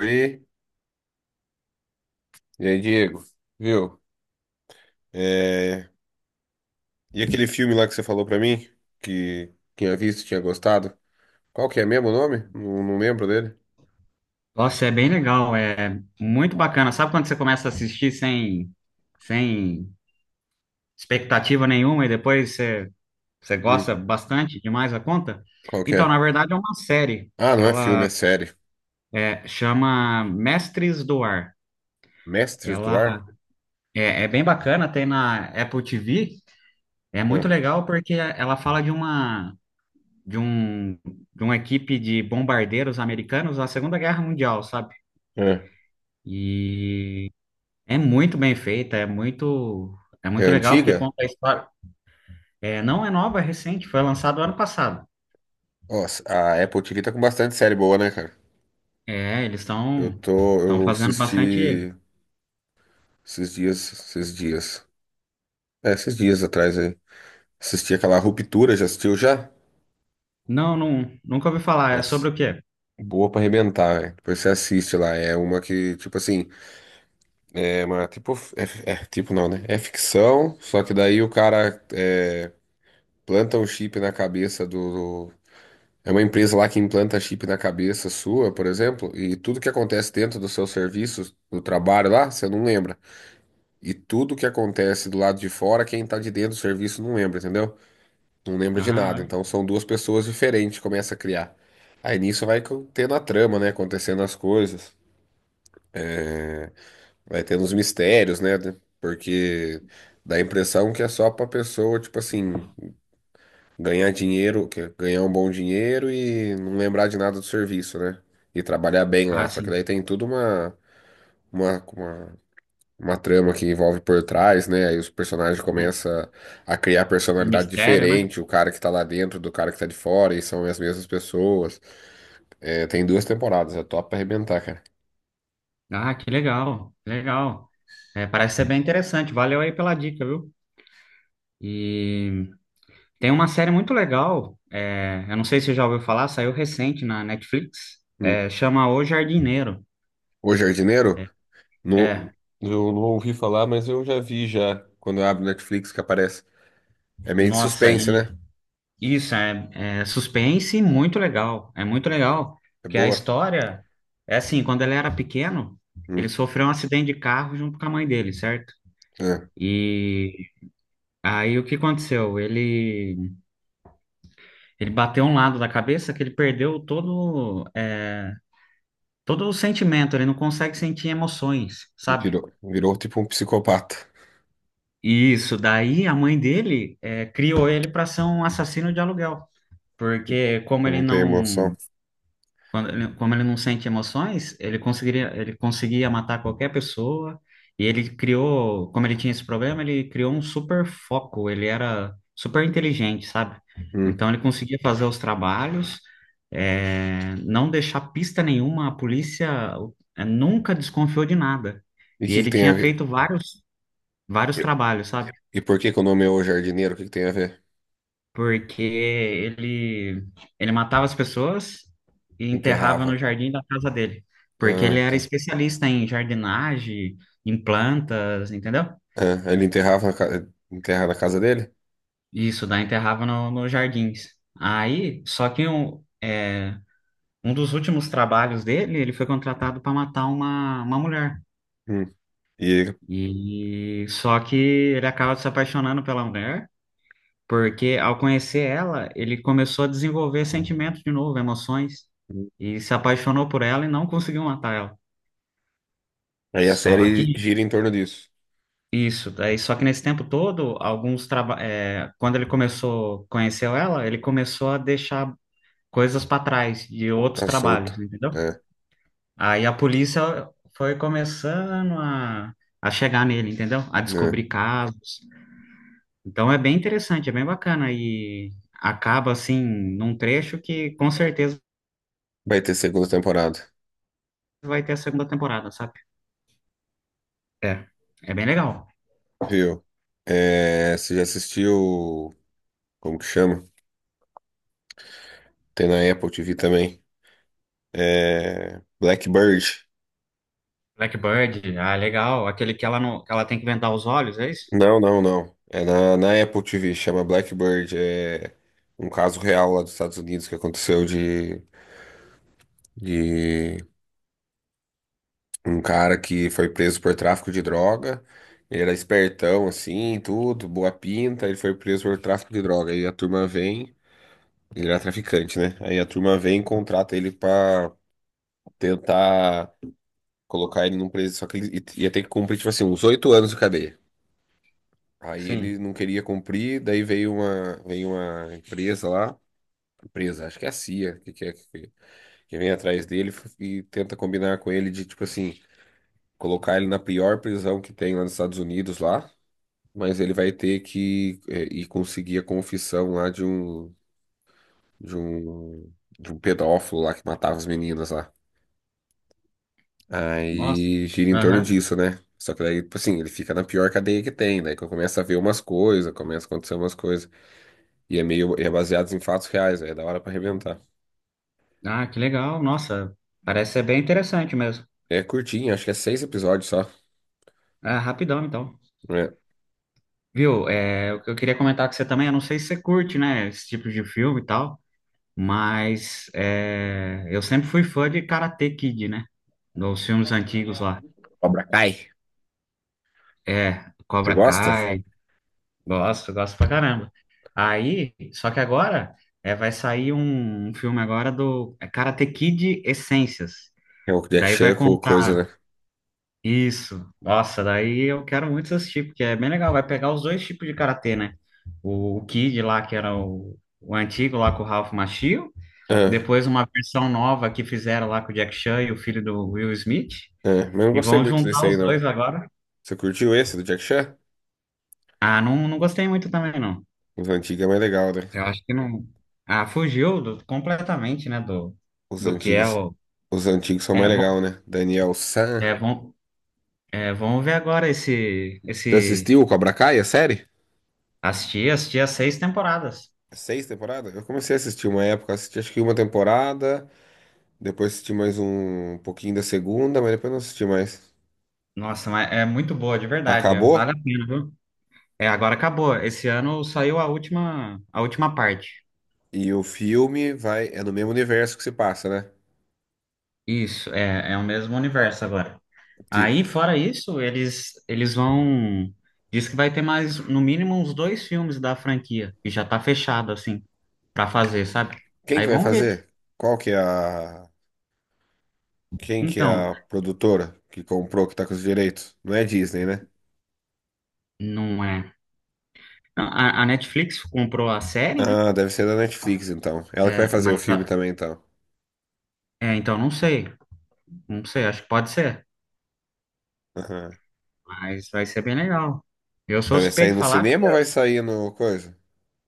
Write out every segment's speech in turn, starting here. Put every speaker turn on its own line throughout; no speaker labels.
E, e aí, Diego, viu? É, E aquele filme lá que você falou pra mim, que tinha visto, tinha gostado, qual que é mesmo o nome? Não, não lembro dele.
Nossa, é bem legal, é muito bacana. Sabe quando você começa a assistir sem expectativa nenhuma e depois você
Hum,
gosta bastante demais da conta?
qual que
Então,
é?
na verdade, é uma série.
Ah, não é filme,
Ela
é série.
chama Mestres do Ar.
Mestres do
Ela
Ar?
é bem bacana, tem na Apple TV. É muito
É,
legal porque ela fala de um, de uma equipe de bombardeiros americanos na Segunda Guerra Mundial, sabe?
é.
E É muito bem feita, é
É
muito legal porque
antiga?
conta a história. É, não é nova, é recente, foi lançado ano passado.
Nossa, a Apple TV tá com bastante série boa, né, cara?
É, eles
Eu
estão
tô,
estão
eu
fazendo bastante.
assisti esses dias, esses dias, esses dias atrás aí. Assisti aquela Ruptura, já assistiu já?
Não, não, nunca ouvi falar. É
Nossa.
sobre o quê?
Boa pra arrebentar, velho. Depois você assiste lá. É uma que, tipo assim, é uma tipo. É, é tipo não, né? É ficção, só que daí o cara planta um chip na cabeça É uma empresa lá que implanta chip na cabeça sua, por exemplo, e tudo que acontece dentro do seu serviço, do trabalho lá, você não lembra. E tudo que acontece do lado de fora, quem tá de dentro do serviço não lembra, entendeu? Não lembra de
Ah,
nada. Então
olha.
são duas pessoas diferentes, que começa a criar. Aí nisso tendo a trama, né? Acontecendo as coisas. Vai tendo uns mistérios, né? Porque dá a impressão que é só pra pessoa, tipo assim, ganhar dinheiro, que é ganhar um bom dinheiro e não lembrar de nada do serviço, né? E trabalhar bem
Ah,
lá. Só que daí
sim.
tem tudo uma, uma, uma trama que envolve por trás, né? Aí os personagens
Um,
começam a criar
um
personalidade
mistério, né?
diferente, o cara que tá lá dentro do cara que tá de fora, e são as mesmas pessoas. É, tem duas temporadas, é top pra arrebentar, cara.
Ah, que legal, que legal. É, parece ser bem interessante. Valeu aí pela dica, viu? E tem uma série muito legal. Eu não sei se você já ouviu falar, saiu recente na Netflix.
Hum.
Chama O Jardineiro.
O Jardineiro? Não,
É,
eu não ouvi falar, mas eu já vi já. Quando eu abro Netflix que aparece. É meio de
nossa,
suspense, né?
isso, é suspense muito legal. É muito legal.
É
Porque a
boa.
história é assim, quando ele era pequeno, ele
Hum,
sofreu um acidente de carro junto com a mãe dele, certo?
é.
E aí o que aconteceu? Ele bateu um lado da cabeça que ele perdeu todo o sentimento, ele não consegue sentir emoções, sabe?
Virou tipo um psicopata.
Isso, daí a mãe dele criou ele para ser um assassino de aluguel. Porque como ele
Não tem emoção.
não Quando ele- Como ele não sente emoções, ele conseguiria, ele conseguia matar qualquer pessoa. E ele criou, como ele tinha esse problema, ele criou um super foco. Ele era super inteligente, sabe?
Hum.
Então ele conseguia fazer os trabalhos, não deixar pista nenhuma. A polícia nunca desconfiou de nada.
E o
E
que que
ele
tem a
tinha
ver?
feito vários, vários trabalhos, sabe?
E por que que o nome é O Jardineiro? O que que tem a ver?
Porque ele matava as pessoas e enterrava no
Enterrava.
jardim da casa dele, porque ele
Ah,
era
tá.
especialista em jardinagem, em plantas, entendeu?
Ah, ele enterrava enterra na casa dele?
Isso, daí enterrava no, nos jardins. Aí, só que um dos últimos trabalhos dele, ele foi contratado para matar uma mulher.
Hum. E
E só que ele acaba se apaixonando pela mulher. Porque ao conhecer ela, ele começou a desenvolver sentimentos de novo, emoções, e se apaixonou por ela e não conseguiu matar ela.
aí a
Só que
série gira em torno disso.
Só que nesse tempo todo, quando ele começou, conheceu ela, ele começou a deixar coisas para trás de outros
Tá solta.
trabalhos, entendeu?
É,
Aí a polícia foi começando a chegar nele, entendeu? A
né?
descobrir casos. Então é bem interessante, é bem bacana e acaba assim num trecho que com certeza
Vai ter segunda temporada.
vai ter a segunda temporada, sabe? É. É bem legal.
Viu? É, você já assistiu. Como que chama? Tem na Apple TV também. É, Blackbird.
Blackbird, ah, legal. Aquele que ela não, que ela tem que vendar os olhos, é isso?
Não. É na Apple TV, chama Blackbird. É um caso real lá dos Estados Unidos que aconteceu de um cara que foi preso por tráfico de droga. Ele era espertão, assim, tudo, boa pinta. Ele foi preso por tráfico de droga. Aí a turma vem. Ele era traficante, né? Aí a turma vem e contrata ele pra tentar. Colocar ele num preso, só que ele ia ter que cumprir, tipo assim, uns oito anos de cadeia. Aí ele
Sim.
não queria cumprir, daí veio uma empresa lá, empresa, acho que é a CIA, que vem atrás dele e tenta combinar com ele de, tipo assim, colocar ele na pior prisão que tem lá nos Estados Unidos lá, mas ele vai ter que ir conseguir a confissão lá de um, de um pedófilo lá que matava as meninas lá.
Nossa.
Aí gira em torno
Aham.
disso, né? Só que daí, tipo assim, ele fica na pior cadeia que tem, daí que eu começo a ver umas coisas, começa a acontecer umas coisas. E é meio, é baseado em fatos reais, aí é da hora pra arrebentar.
Ah, que legal. Nossa, parece ser bem interessante mesmo.
É curtinho, acho que é seis episódios só.
Ah, rapidão, então.
Né?
Viu? É, o que eu queria comentar com você também, eu não sei se você curte, né, esse tipo de filme e tal, mas eu sempre fui fã de Karate Kid, né? Dos filmes antigos lá.
Cobra Kai.
É,
Você
Cobra
gosta?
Kai. Gosto, gosto pra caramba. Aí, só que agora vai sair um filme agora do Karate Kid Essências.
É o Jack
Daí vai
Chan com
contar
coisa, né?
isso. Nossa, daí eu quero muito assistir, porque é bem legal. Vai pegar os dois tipos de karatê, né? O Kid lá, que era o antigo lá com o Ralph Macchio.
Ah,
Depois uma versão nova que fizeram lá com o Jack Chan e o filho do Will Smith.
mas eu não
E
gostei
vão
muito desse
juntar
aí,
os
não.
dois agora.
Você curtiu esse do Jack Chan?
Ah, não, não gostei muito também, não.
Os antigos é mais legal, né?
Eu acho que não. Ah, fugiu completamente, né? Do,
Os
do que é
antigos,
o.
os antigos são
É,
mais legal,
bom,
né? Daniel San.
é, bom, Vamos ver agora esse,
Você
esse.
assistiu o Cobra Kai, a série?
Assistir as seis temporadas.
Seis temporadas? Eu comecei a assistir uma época, assisti acho que uma temporada, depois assisti mais um pouquinho da segunda, mas depois não assisti mais.
Nossa, mas é muito boa, de verdade. Vale a
Acabou
pena, viu? É, agora acabou. Esse ano saiu a última parte.
e o filme vai, é no mesmo universo que se passa, né?
Isso, é, é o mesmo universo agora.
Tipo,
Aí, fora isso, eles vão. Diz que vai ter mais, no mínimo, uns dois filmes da franquia, que já tá fechado, assim, pra fazer, sabe?
quem
Aí
que vai
vamos ver.
fazer? Qual que é quem que é
Então,
a produtora que comprou, que tá com os direitos? Não é Disney, né?
não é. Não, A Netflix comprou a série, né?
Ah, deve ser da Netflix, então. Ela que vai
É,
fazer o
mas.
filme
a-
também, então.
então, não sei. Não sei, acho que pode ser.
Aham.
Mas vai ser bem legal. Eu
Mas
sou
vai sair
suspeito de
no
falar.
cinema ou vai sair no coisa?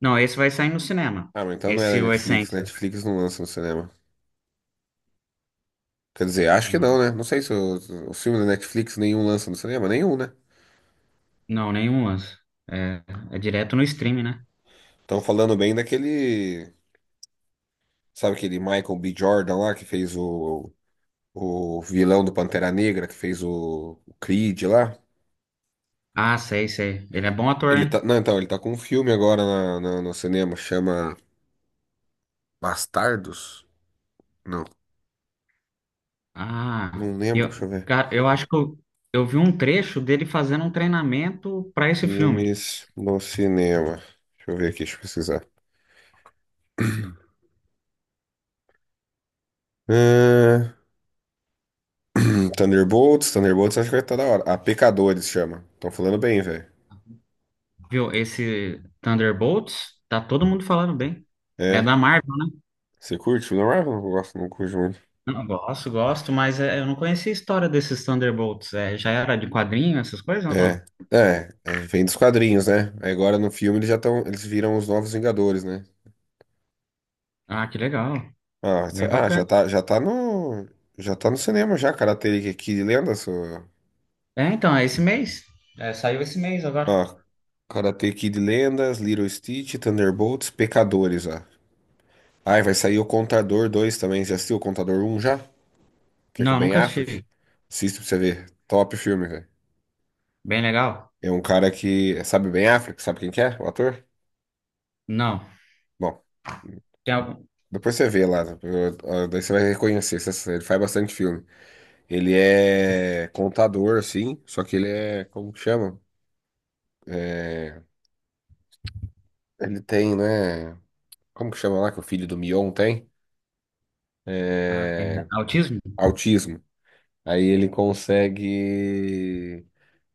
Não, esse vai sair no cinema.
Ah, mas então não é da
Esse, o
Netflix.
Essências.
Netflix não lança no cinema. Quer dizer, acho que não, né? Não sei se os filmes da Netflix nenhum lança no cinema, nenhum, né?
Não, nenhum lance. É, é direto no stream, né?
Estão falando bem daquele, sabe aquele Michael B. Jordan lá que fez o vilão do Pantera Negra, que fez o Creed lá.
Ah, sei, sei. Ele é bom ator,
Ele tá,
hein?
não, então, ele tá com um filme agora no cinema, chama Bastardos? Não,
Ah,
não lembro,
eu,
deixa eu ver.
Cara, eu acho que eu vi um trecho dele fazendo um treinamento para esse filme,
Filmes no cinema. Deixa eu ver aqui, deixa eu pesquisar. Ah, Thunderbolts, Thunderbolts acho que vai estar da hora. A Pecadores chama. Estão falando bem, velho.
viu? Esse Thunderbolts, tá todo mundo falando bem. É
É.
da Marvel, né?
Você curte o William Marvel? Eu gosto, não curto muito.
Não, gosto, gosto, mas eu não conhecia a história desses Thunderbolts. É, já era de quadrinho, essas coisas, ou não?
É. É, é, vem dos quadrinhos, né? Aí agora no filme eles já estão, eles viram os novos Vingadores, né?
Ah, que legal, bem
Já
bacana.
tá, já tá no cinema já, Karate Kid Lendas, ó.
É, então, é esse mês? É, saiu esse mês agora.
Ó, Karate Kid Lendas, Little Stitch, Thunderbolts, Pecadores, ó. Ai, vai sair o Contador 2 também. Já assistiu o Contador um já? Que é com o
Não,
Ben
nunca
Affleck?
assisti.
Assista pra você ver. Top filme, velho.
Bem legal?
É um cara que. Sabe o Ben Affleck? Sabe quem que é? O ator?
Não.
Bom,
Tem algum...
depois você vê lá, daí você vai reconhecer. Ele faz bastante filme. Ele é contador, assim, só que ele é, como que chama? É, ele tem, né? Como que chama lá que o filho do Mion tem?
Ah, é autismo?
Autismo. Aí ele consegue.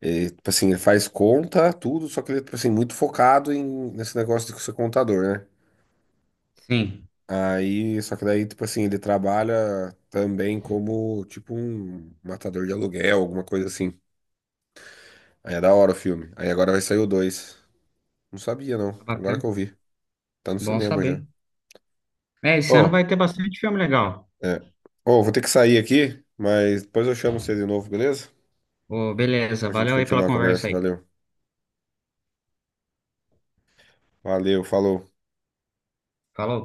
Ele, tipo assim, ele faz conta, tudo, só que ele é, tipo assim, muito focado em, nesse negócio de ser contador, né?
Sim.
Aí, só que daí, tipo assim, ele trabalha também como, tipo, um matador de aluguel, alguma coisa assim. Aí é da hora o filme. Aí agora vai sair o 2. Não sabia, não.
Ah,
Agora que
bacana,
eu vi. Tá no
bom
cinema já.
saber. É, esse ano
Ô,
vai ter bastante filme legal.
é. Ô, vou ter que sair aqui, mas depois eu chamo você de novo, beleza?
Ô, beleza,
Pra gente
valeu aí pela
continuar a
conversa
conversa.
aí.
Valeu. Valeu, falou.
Falou.